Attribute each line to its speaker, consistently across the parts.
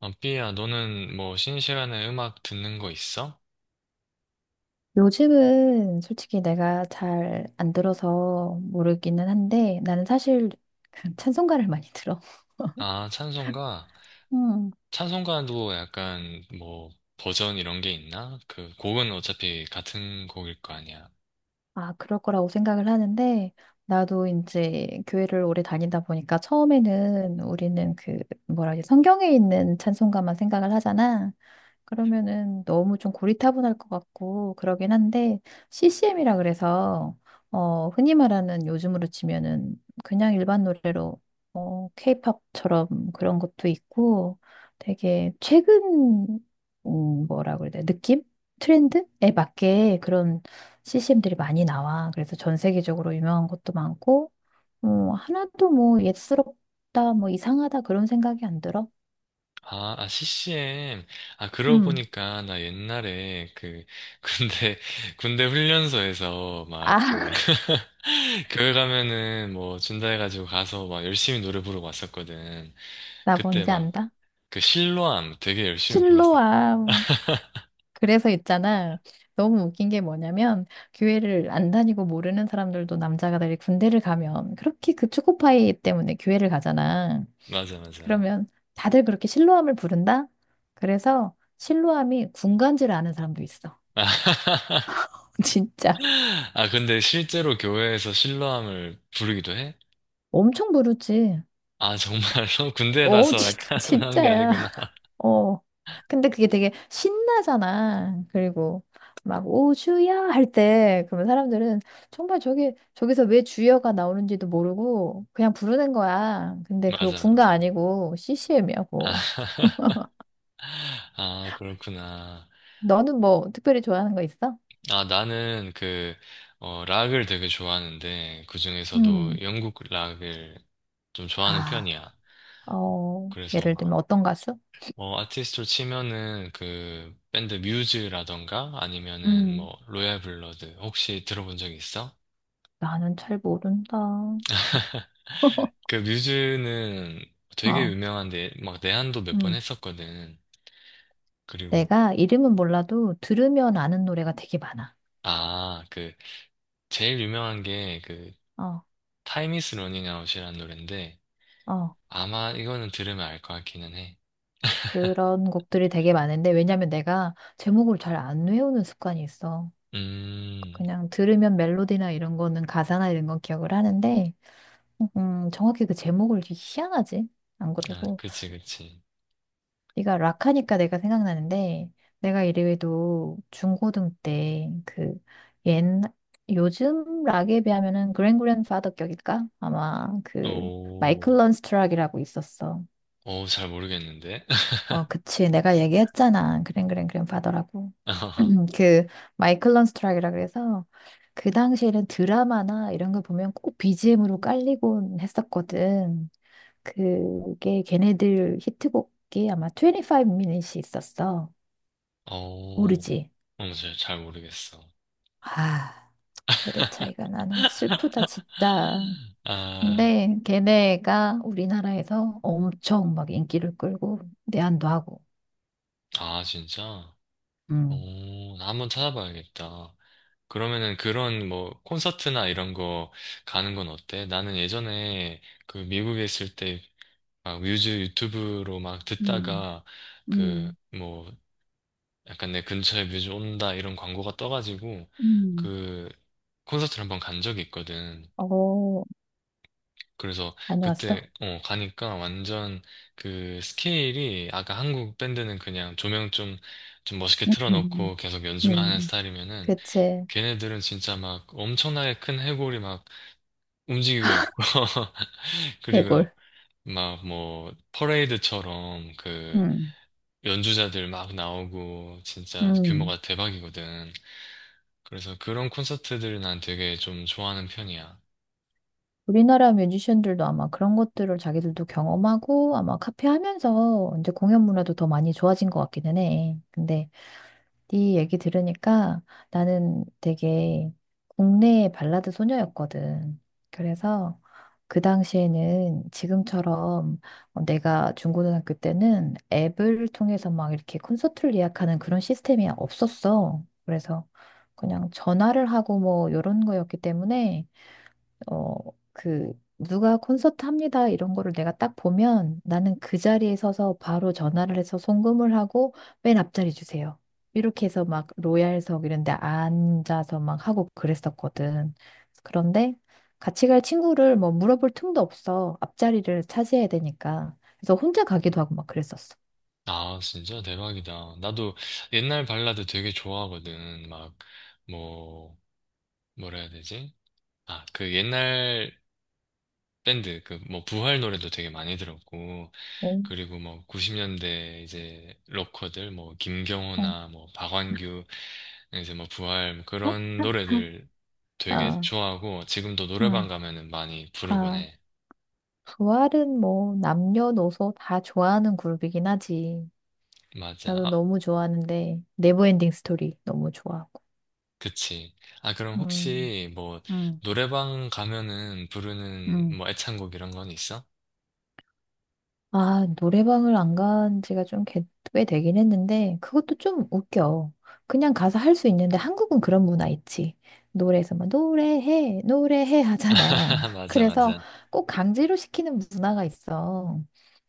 Speaker 1: 아, 삐야, 너는 뭐 쉬는 시간에 음악 듣는 거 있어?
Speaker 2: 요즘은 솔직히 내가 잘 안 들어서 모르기는 한데 나는 사실 그 찬송가를 많이 들어.
Speaker 1: 아, 찬송가?
Speaker 2: 음.
Speaker 1: 찬송가도 약간 뭐 버전 이런 게 있나? 그 곡은 어차피 같은 곡일 거 아니야.
Speaker 2: 아, 그럴 거라고 생각을 하는데 나도 이제 교회를 오래 다니다 보니까 처음에는 우리는 그 뭐라 하지, 성경에 있는 찬송가만 생각을 하잖아. 그러면은 너무 좀 고리타분할 것 같고 그러긴 한데, CCM이라 그래서, 흔히 말하는 요즘으로 치면은 그냥 일반 노래로, 케이팝처럼 그런 것도 있고 되게 최근, 뭐라 그래야 돼, 느낌 트렌드에 맞게 그런 CCM들이 많이 나와. 그래서 전 세계적으로 유명한 것도 많고, 어 하나도 뭐 옛스럽다 뭐 이상하다 그런 생각이 안 들어.
Speaker 1: 아, 아, CCM. 아, 그러고
Speaker 2: 음
Speaker 1: 보니까 나 옛날에 그 군대 군대 훈련소에서 막
Speaker 2: 아,
Speaker 1: 그 교회 가면은 뭐 준다 해가지고 가서 막 열심히 노래 부르고 왔었거든.
Speaker 2: 나
Speaker 1: 그때
Speaker 2: 뭔지
Speaker 1: 막
Speaker 2: 안다.
Speaker 1: 그 실로암 되게 열심히 불렀어.
Speaker 2: 실로암. 그래서 있잖아, 너무 웃긴 게 뭐냐면, 교회를 안 다니고 모르는 사람들도 남자가 다 군대를 가면 그렇게 그 초코파이 때문에 교회를 가잖아.
Speaker 1: 맞아, 맞아.
Speaker 2: 그러면 다들 그렇게 실로암을 부른다? 그래서 실로암이 군간지를 아는 사람도 있어. 진짜.
Speaker 1: 아, 근데 실제로 교회에서 신랑을 부르기도 해?
Speaker 2: 엄청 부르지.
Speaker 1: 아, 정말로?
Speaker 2: 어,
Speaker 1: 군대라서
Speaker 2: 진,
Speaker 1: 약간 하는 게
Speaker 2: 진짜야.
Speaker 1: 아니구나.
Speaker 2: 어. 근데 그게 되게 신나잖아. 그리고 막 오주야 할 때, 그러면 사람들은 정말 저기서 왜 주여가 나오는지도 모르고 그냥 부르는 거야. 근데 그거
Speaker 1: 맞아,
Speaker 2: 군가
Speaker 1: 맞아.
Speaker 2: 아니고
Speaker 1: 아,
Speaker 2: CCM이라고.
Speaker 1: 아, 그렇구나.
Speaker 2: 너는 뭐 특별히 좋아하는 거 있어?
Speaker 1: 아, 나는 그, 어, 락을 되게 좋아하는데, 그중에서도
Speaker 2: 음,
Speaker 1: 영국 락을 좀 좋아하는
Speaker 2: 아,
Speaker 1: 편이야. 그래서
Speaker 2: 예를
Speaker 1: 막,
Speaker 2: 들면 어떤 가수?
Speaker 1: 어, 아티스트로 치면은 그, 밴드 뮤즈라던가, 아니면은
Speaker 2: 음,
Speaker 1: 뭐, 로얄 블러드, 혹시 들어본 적 있어?
Speaker 2: 나는 잘 모른다.
Speaker 1: 그 뮤즈는 되게
Speaker 2: 어,
Speaker 1: 유명한데 막 내한도 몇 번
Speaker 2: 음.
Speaker 1: 했었거든. 그리고
Speaker 2: 내가 이름은 몰라도 들으면 아는 노래가 되게 많아.
Speaker 1: 아, 그 제일 유명한 게 그
Speaker 2: 어,
Speaker 1: Time is Running Out이라는 노래인데
Speaker 2: 어.
Speaker 1: 아마 이거는 들으면 알 것 같기는 해.
Speaker 2: 그런 곡들이 되게 많은데, 왜냐면 내가 제목을 잘 안 외우는 습관이 있어.
Speaker 1: 음,
Speaker 2: 그냥 들으면 멜로디나 이런 거는, 가사나 이런 건 기억을 하는데, 정확히 그 제목을 되게, 희한하지? 안
Speaker 1: 아,
Speaker 2: 그러고,
Speaker 1: 그치, 그치.
Speaker 2: 네가 락 하니까 내가 생각나는데, 내가 이래도 중고등 때그 옛 요즘 락에 비하면은 그랜그랜파더 격일까? 아마 그 마이클
Speaker 1: 오,
Speaker 2: 런스트락이라고 있었어.
Speaker 1: 오, 잘 모르겠는데.
Speaker 2: 어, 그치. 내가 얘기했잖아, 그랭, 그랭, 그랭 파더라고. 그, 마이클 런스트락이라 그래서, 그 당시에는 드라마나 이런 거 보면 꼭 BGM으로 깔리곤 했었거든. 그게 걔네들 히트곡이 아마 2 5 MIN 이 있었어.
Speaker 1: 오,
Speaker 2: 모르지?
Speaker 1: 어, 잘 모르겠어.
Speaker 2: 아, 세대 차이가 나노. 슬프다, 진짜.
Speaker 1: 아,
Speaker 2: 근데 걔네가 우리나라에서 엄청 막 인기를 끌고 내한도 하고.
Speaker 1: 아, 진짜?
Speaker 2: 음.
Speaker 1: 오, 나 한번 찾아봐야겠다. 그러면은 그런 뭐 콘서트나 이런 거 가는 건 어때? 나는 예전에 그 미국에 있을 때 막 뮤즈 유튜브로 막
Speaker 2: 음,
Speaker 1: 듣다가 그
Speaker 2: 음,
Speaker 1: 뭐 약간 내 근처에 뮤즈 온다 이런 광고가 떠가지고
Speaker 2: 음.
Speaker 1: 그 콘서트를 한번 간 적이 있거든.
Speaker 2: 어,
Speaker 1: 그래서
Speaker 2: 다녀왔어?
Speaker 1: 그때 어 가니까 완전 그 스케일이 아까 한국 밴드는 그냥 조명 좀 멋있게
Speaker 2: 음, 음,
Speaker 1: 틀어놓고 계속 연주만 하는
Speaker 2: 음.
Speaker 1: 스타일이면은
Speaker 2: 그치.
Speaker 1: 걔네들은 진짜 막 엄청나게 큰 해골이 막 움직이고 있고 그리고
Speaker 2: 대골.
Speaker 1: 막 뭐 퍼레이드처럼 그
Speaker 2: 음,
Speaker 1: 연주자들 막 나오고 진짜
Speaker 2: 음.
Speaker 1: 규모가 대박이거든. 그래서 그런 콘서트들을 난 되게 좀 좋아하는 편이야.
Speaker 2: 우리나라 뮤지션들도 아마 그런 것들을 자기들도 경험하고, 아마 카피하면서 이제 공연 문화도 더 많이 좋아진 것 같기는 해. 근데 네 얘기 들으니까 나는 되게 국내 발라드 소녀였거든. 그래서 그 당시에는 지금처럼, 내가 중고등학교 때는 앱을 통해서 막 이렇게 콘서트를 예약하는 그런 시스템이 없었어. 그래서 그냥 전화를 하고 뭐 이런 거였기 때문에, 어, 그, 누가 콘서트 합니다, 이런 거를 내가 딱 보면 나는 그 자리에 서서 바로 전화를 해서 송금을 하고, 맨 앞자리 주세요, 이렇게 해서 막 로얄석 이런 데 앉아서 막 하고 그랬었거든. 그런데 같이 갈 친구를 뭐 물어볼 틈도 없어. 앞자리를 차지해야 되니까. 그래서 혼자 가기도 하고 막 그랬었어.
Speaker 1: 아, 진짜 대박이다. 나도 옛날 발라드 되게 좋아하거든. 막 뭐 뭐라 해야 되지? 아, 그 옛날 밴드 그 뭐 부활 노래도 되게 많이 들었고
Speaker 2: 어,
Speaker 1: 그리고 뭐 90년대 이제 로커들 뭐
Speaker 2: 어,
Speaker 1: 김경호나 뭐 박완규 이제 뭐 부활 뭐 그런 노래들 되게
Speaker 2: 아,
Speaker 1: 좋아하고 지금도 노래방
Speaker 2: 아,
Speaker 1: 가면은 많이 부르곤
Speaker 2: 아.
Speaker 1: 해.
Speaker 2: 부활은 뭐 남녀노소 다 좋아하는 그룹이긴 하지.
Speaker 1: 맞아.
Speaker 2: 나도
Speaker 1: 아,
Speaker 2: 너무 좋아하는데 네버엔딩 스토리 너무 좋아하고.
Speaker 1: 그치. 아 그럼
Speaker 2: 음,
Speaker 1: 혹시 뭐
Speaker 2: 음,
Speaker 1: 노래방 가면은 부르는
Speaker 2: 음.
Speaker 1: 뭐 애창곡 이런 건 있어?
Speaker 2: 아, 노래방을 안 간 지가 좀 꽤 되긴 했는데, 그것도 좀 웃겨. 그냥 가서 할 수 있는데, 한국은 그런 문화 있지. 노래에서 막 노래해, 노래해 하잖아.
Speaker 1: 맞아
Speaker 2: 그래서
Speaker 1: 맞아.
Speaker 2: 꼭 강제로 시키는 문화가 있어.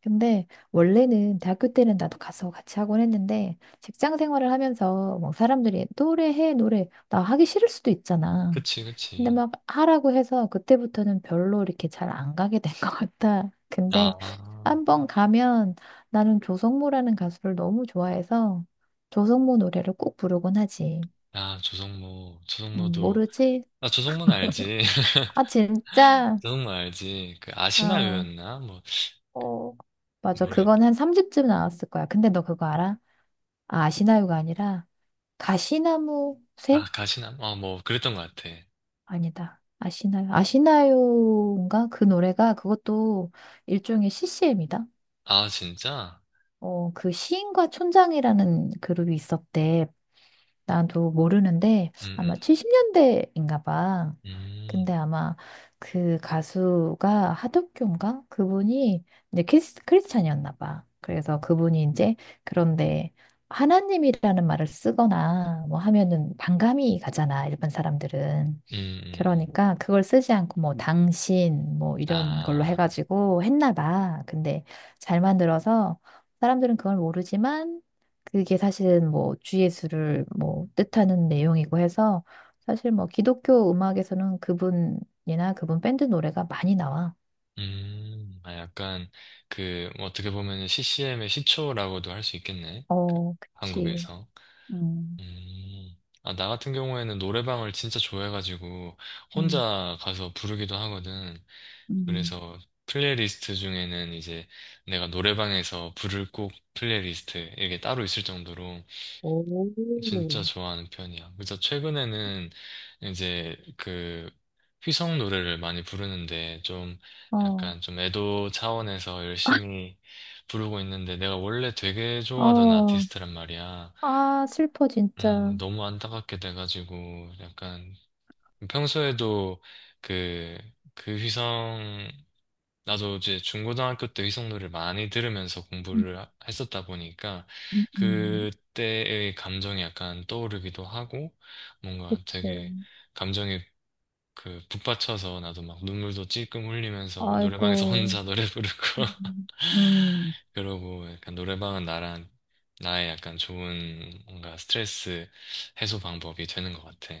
Speaker 2: 근데 원래는 대학교 때는 나도 가서 같이 하곤 했는데, 직장 생활을 하면서 뭐 사람들이 노래해, 노래 나 하기 싫을 수도 있잖아.
Speaker 1: 그치
Speaker 2: 근데
Speaker 1: 그치.
Speaker 2: 막 하라고 해서 그때부터는 별로 이렇게 잘 안 가게 된 것 같아. 근데
Speaker 1: 아.
Speaker 2: 한 번 가면, 나는 조성모라는 가수를 너무 좋아해서 조성모 노래를 꼭 부르곤 하지.
Speaker 1: 아, 조성모, 조성모도,
Speaker 2: 모르지?
Speaker 1: 아, 조성모는 알지.
Speaker 2: 아, 진짜?
Speaker 1: 너무 알지. 그
Speaker 2: 어.
Speaker 1: 아시나요였나? 뭐
Speaker 2: 어, 맞아.
Speaker 1: 모르겠.
Speaker 2: 그건 한 3집쯤 나왔을 거야. 근데 너 그거 알아? 아, 아시나요가 아니라 가시나무 새?
Speaker 1: 아 가시나? 아 뭐 그랬던 것 같아.
Speaker 2: 아니다, 아시나요? 아시나요인가? 그 노래가, 그것도 일종의 CCM이다.
Speaker 1: 아 진짜?
Speaker 2: 어, 그 시인과 촌장이라는 그룹이 있었대. 나도 모르는데,
Speaker 1: 음, 음,
Speaker 2: 아마 70년대인가 봐.
Speaker 1: 음,
Speaker 2: 근데 아마 그 가수가 하덕규인가? 그분이 이제 크리스찬이었나 봐. 그래서 그분이 이제, 그런데 하나님이라는 말을 쓰거나 뭐 하면은 반감이 가잖아, 일반 사람들은.
Speaker 1: 음.
Speaker 2: 그러니까 그걸 쓰지 않고 뭐 당신 뭐 이런 걸로
Speaker 1: 아,
Speaker 2: 해가지고 했나 봐. 근데 잘 만들어서 사람들은 그걸 모르지만, 그게 사실은 뭐 주예수를 뭐 뜻하는 내용이고 해서, 사실 뭐 기독교 음악에서는 그분이나 그분 밴드 노래가 많이 나와.
Speaker 1: 아 약간 그뭐 어떻게 보면 CCM의 시초라고도 할 수 있겠네.
Speaker 2: 어, 그치.
Speaker 1: 한국에서.
Speaker 2: 음.
Speaker 1: 음. 아, 나 같은 경우에는 노래방을 진짜 좋아해가지고
Speaker 2: 음,
Speaker 1: 혼자 가서 부르기도 하거든.
Speaker 2: 음.
Speaker 1: 그래서 플레이리스트 중에는 이제 내가 노래방에서 부를 곡 플레이리스트 이게 따로 있을 정도로 진짜
Speaker 2: 오.
Speaker 1: 좋아하는 편이야. 그래서 최근에는 이제 그 휘성 노래를 많이 부르는데 좀
Speaker 2: 어,
Speaker 1: 약간 좀 애도 차원에서 열심히 부르고 있는데 내가 원래 되게 좋아하던
Speaker 2: 어,
Speaker 1: 아티스트란 말이야.
Speaker 2: 아, 슬퍼 진짜.
Speaker 1: 너무 안타깝게 돼가지고 약간 평소에도 그 그 휘성 나도 이제 중고등학교 때 의성노를 많이 들으면서
Speaker 2: 음,
Speaker 1: 했었다 보니까
Speaker 2: 음, 음.
Speaker 1: 그때의 감정이 약간 떠오르기도 하고 뭔가
Speaker 2: 그치.
Speaker 1: 되게 감정에 그 북받쳐서 나도 막 눈물도 찔끔 흘리면서 노래방에서
Speaker 2: 아이고.
Speaker 1: 혼자 노래 부르고
Speaker 2: 음, 음.
Speaker 1: 그러고 약간 노래방은 나랑 나의 약간 좋은 뭔가 스트레스 해소 방법이 되는 것 같아.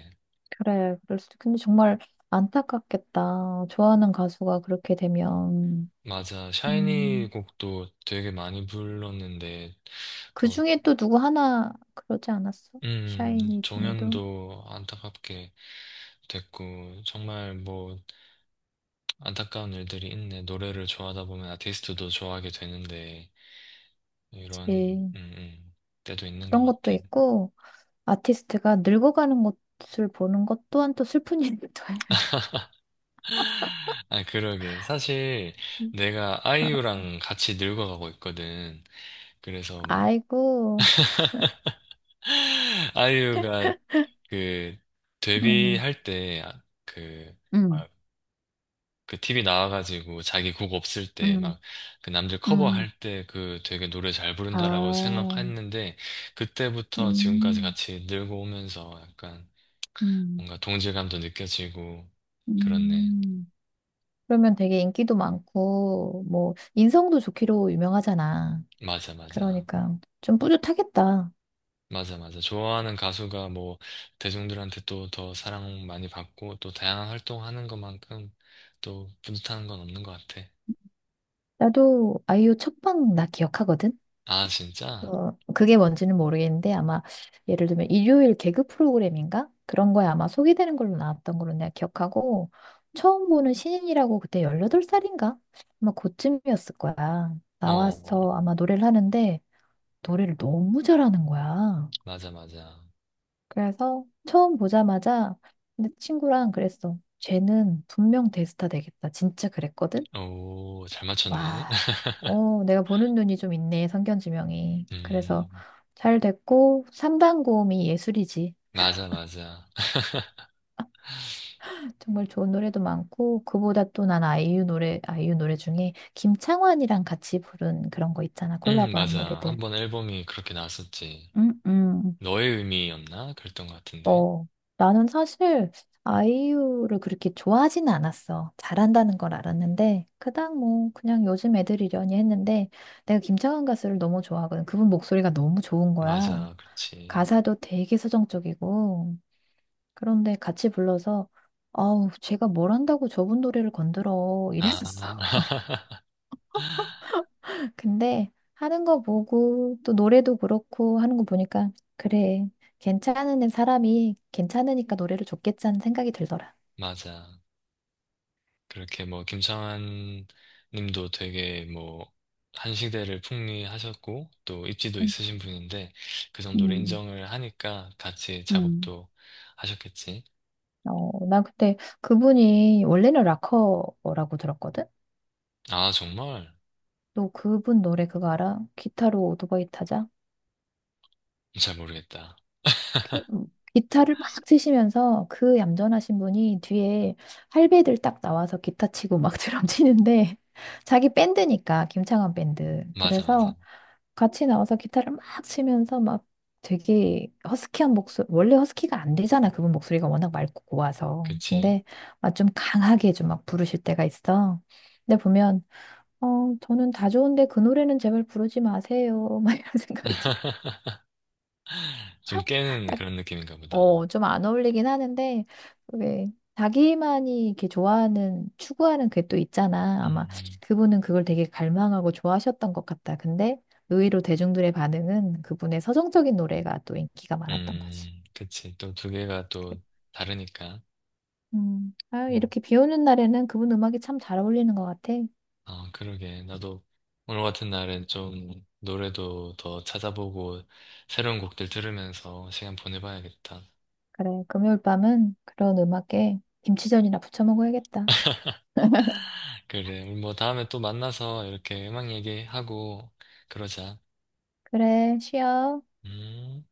Speaker 2: 그래, 그럴 수도. 근데 정말 안타깝겠다. 좋아하는 가수가 그렇게 되면.
Speaker 1: 맞아. 샤이니
Speaker 2: 음.
Speaker 1: 곡도 되게 많이 불렀는데
Speaker 2: 그
Speaker 1: 그
Speaker 2: 중에 또 누구 하나 그러지 않았어? 샤이니 중에도.
Speaker 1: 정연도 안타깝게 됐고, 정말 뭐, 안타까운 일들이 있네. 노래를 좋아하다 보면 아티스트도 좋아하게 되는데, 이런,
Speaker 2: 예.
Speaker 1: 때도 있는 것
Speaker 2: 그런 것도
Speaker 1: 같아.
Speaker 2: 있고, 아티스트가 늙어가는 것을 보는 것 또한 또 슬픈 일이기도 해.
Speaker 1: 아, 그러게. 사실, 내가
Speaker 2: 어,
Speaker 1: 아이유랑 같이 늙어가고 있거든. 그래서 막,
Speaker 2: 아이고,
Speaker 1: 아이유가 그,
Speaker 2: 음,
Speaker 1: 데뷔할 때, 아, 그,
Speaker 2: 음,
Speaker 1: 그 TV 나와가지고 자기 곡 없을 때
Speaker 2: 음,
Speaker 1: 막 그 남들
Speaker 2: 음,
Speaker 1: 커버할 때 그 되게 노래 잘 부른다라고
Speaker 2: 아,
Speaker 1: 생각했는데 그때부터 지금까지
Speaker 2: 음,
Speaker 1: 같이 늘고 오면서 약간
Speaker 2: 음,
Speaker 1: 뭔가 동질감도 느껴지고 그렇네.
Speaker 2: 음. 그러면 되게 인기도 많고, 뭐, 인성도 좋기로 유명하잖아.
Speaker 1: 맞아, 맞아.
Speaker 2: 그러니까 좀 뿌듯하겠다.
Speaker 1: 맞아, 맞아. 좋아하는 가수가 뭐 대중들한테 또 더 사랑 많이 받고 또 다양한 활동하는 것만큼 또 뿌듯한 건 없는 것 같아.
Speaker 2: 나도 아이유 첫 방 나 기억하거든?
Speaker 1: 아, 진짜?
Speaker 2: 어, 그게 뭔지는 모르겠는데, 아마 예를 들면 일요일 개그 프로그램인가? 그런 거에 아마 소개되는 걸로 나왔던 걸로 내가 기억하고, 처음 보는 신인이라고. 그때 18살인가? 아마 그쯤이었을 거야.
Speaker 1: 어, 어,
Speaker 2: 나와서
Speaker 1: 어.
Speaker 2: 아마 노래를 하는데, 노래를 너무 잘하는 거야.
Speaker 1: 맞아, 맞아.
Speaker 2: 그래서 처음 보자마자, 근데 친구랑 그랬어. 쟤는 분명 대스타 되겠다. 진짜 그랬거든?
Speaker 1: 오, 잘 맞췄네.
Speaker 2: 와, 어, 내가 보는 눈이 좀 있네, 성견지명이. 그래서
Speaker 1: 음,
Speaker 2: 잘 됐고, 3단 고음이 예술이지.
Speaker 1: 맞아, 맞아.
Speaker 2: 정말 좋은 노래도 많고, 그보다 또 난 아이유 노래 중에 김창완이랑 같이 부른 그런 거 있잖아, 콜라보한
Speaker 1: 맞아. 한
Speaker 2: 노래들.
Speaker 1: 번 앨범이 그렇게 나왔었지.
Speaker 2: 음, 음.
Speaker 1: 너의 의미였나? 그랬던 것 같은데.
Speaker 2: 어, 나는 사실 아이유를 그렇게 좋아하진 않았어. 잘한다는 걸 알았는데, 그닥 뭐, 그냥 요즘 애들이려니 했는데, 내가 김창완 가수를 너무 좋아하거든. 그분 목소리가 너무 좋은 거야.
Speaker 1: 맞아, 그렇지.
Speaker 2: 가사도 되게 서정적이고, 그런데 같이 불러서, 아우, 제가 뭘 한다고 저분 노래를 건드려, 이랬었어.
Speaker 1: 아,
Speaker 2: 근데 하는 거 보고 또 노래도 그렇고 하는 거 보니까, 그래, 괜찮은 사람이 괜찮으니까 노래를 줬겠지 하는 생각이 들더라.
Speaker 1: 맞아. 그렇게 뭐, 김창완 님도 되게 뭐, 한 시대를 풍미하셨고, 또 입지도
Speaker 2: 음,
Speaker 1: 있으신 분인데, 그 정도로
Speaker 2: 음,
Speaker 1: 인정을 하니까 같이
Speaker 2: 음.
Speaker 1: 작업도 하셨겠지.
Speaker 2: 어, 나 그때 그분이 원래는 락커라고 들었거든.
Speaker 1: 아, 정말?
Speaker 2: 너 그분 노래 그거 알아? 기타로 오토바이 타자?
Speaker 1: 잘 모르겠다.
Speaker 2: 기, 음, 기타를 막 치시면서, 그 얌전하신 분이 뒤에 할배들 딱 나와서 기타 치고 막 드럼 치는데, 자기 밴드니까, 김창완 밴드.
Speaker 1: 맞아, 맞아.
Speaker 2: 그래서 같이 나와서 기타를 막 치면서 막, 되게 허스키한 목소리, 원래 허스키가 안 되잖아 그분 목소리가, 워낙 맑고 고와서.
Speaker 1: 그치.
Speaker 2: 근데 막 좀 강하게 좀 막 부르실 때가 있어. 근데 보면, 저는 다 좋은데 그 노래는 제발 부르지 마세요, 막 이런 생각이 들어.
Speaker 1: 좀 깨는 그런 느낌인가 보다.
Speaker 2: 어, 좀 안 어울리긴 하는데, 왜, 자기만이 이렇게 좋아하는, 추구하는 그게 또 있잖아. 아마
Speaker 1: 음,
Speaker 2: 그분은 그걸 되게 갈망하고 좋아하셨던 것 같다. 근데 의외로 대중들의 반응은 그분의 서정적인 노래가 또 인기가 많았던 거지.
Speaker 1: 그치. 또 두 개가 또 다르니까.
Speaker 2: 아유,
Speaker 1: 음.
Speaker 2: 이렇게 비 오는 날에는 그분 음악이 참 잘 어울리는 것 같아.
Speaker 1: 어, 그러게. 나도 오늘 같은 날은 좀 노래도 더 찾아보고 새로운 곡들 들으면서 시간 보내봐야겠다.
Speaker 2: 그래, 금요일 밤은 그런 음악에 김치전이나 부쳐 먹어야겠다.
Speaker 1: 그래. 우리 뭐 다음에 또 만나서 이렇게 음악 얘기하고 그러자.
Speaker 2: 그래, 쉬어.
Speaker 1: 음.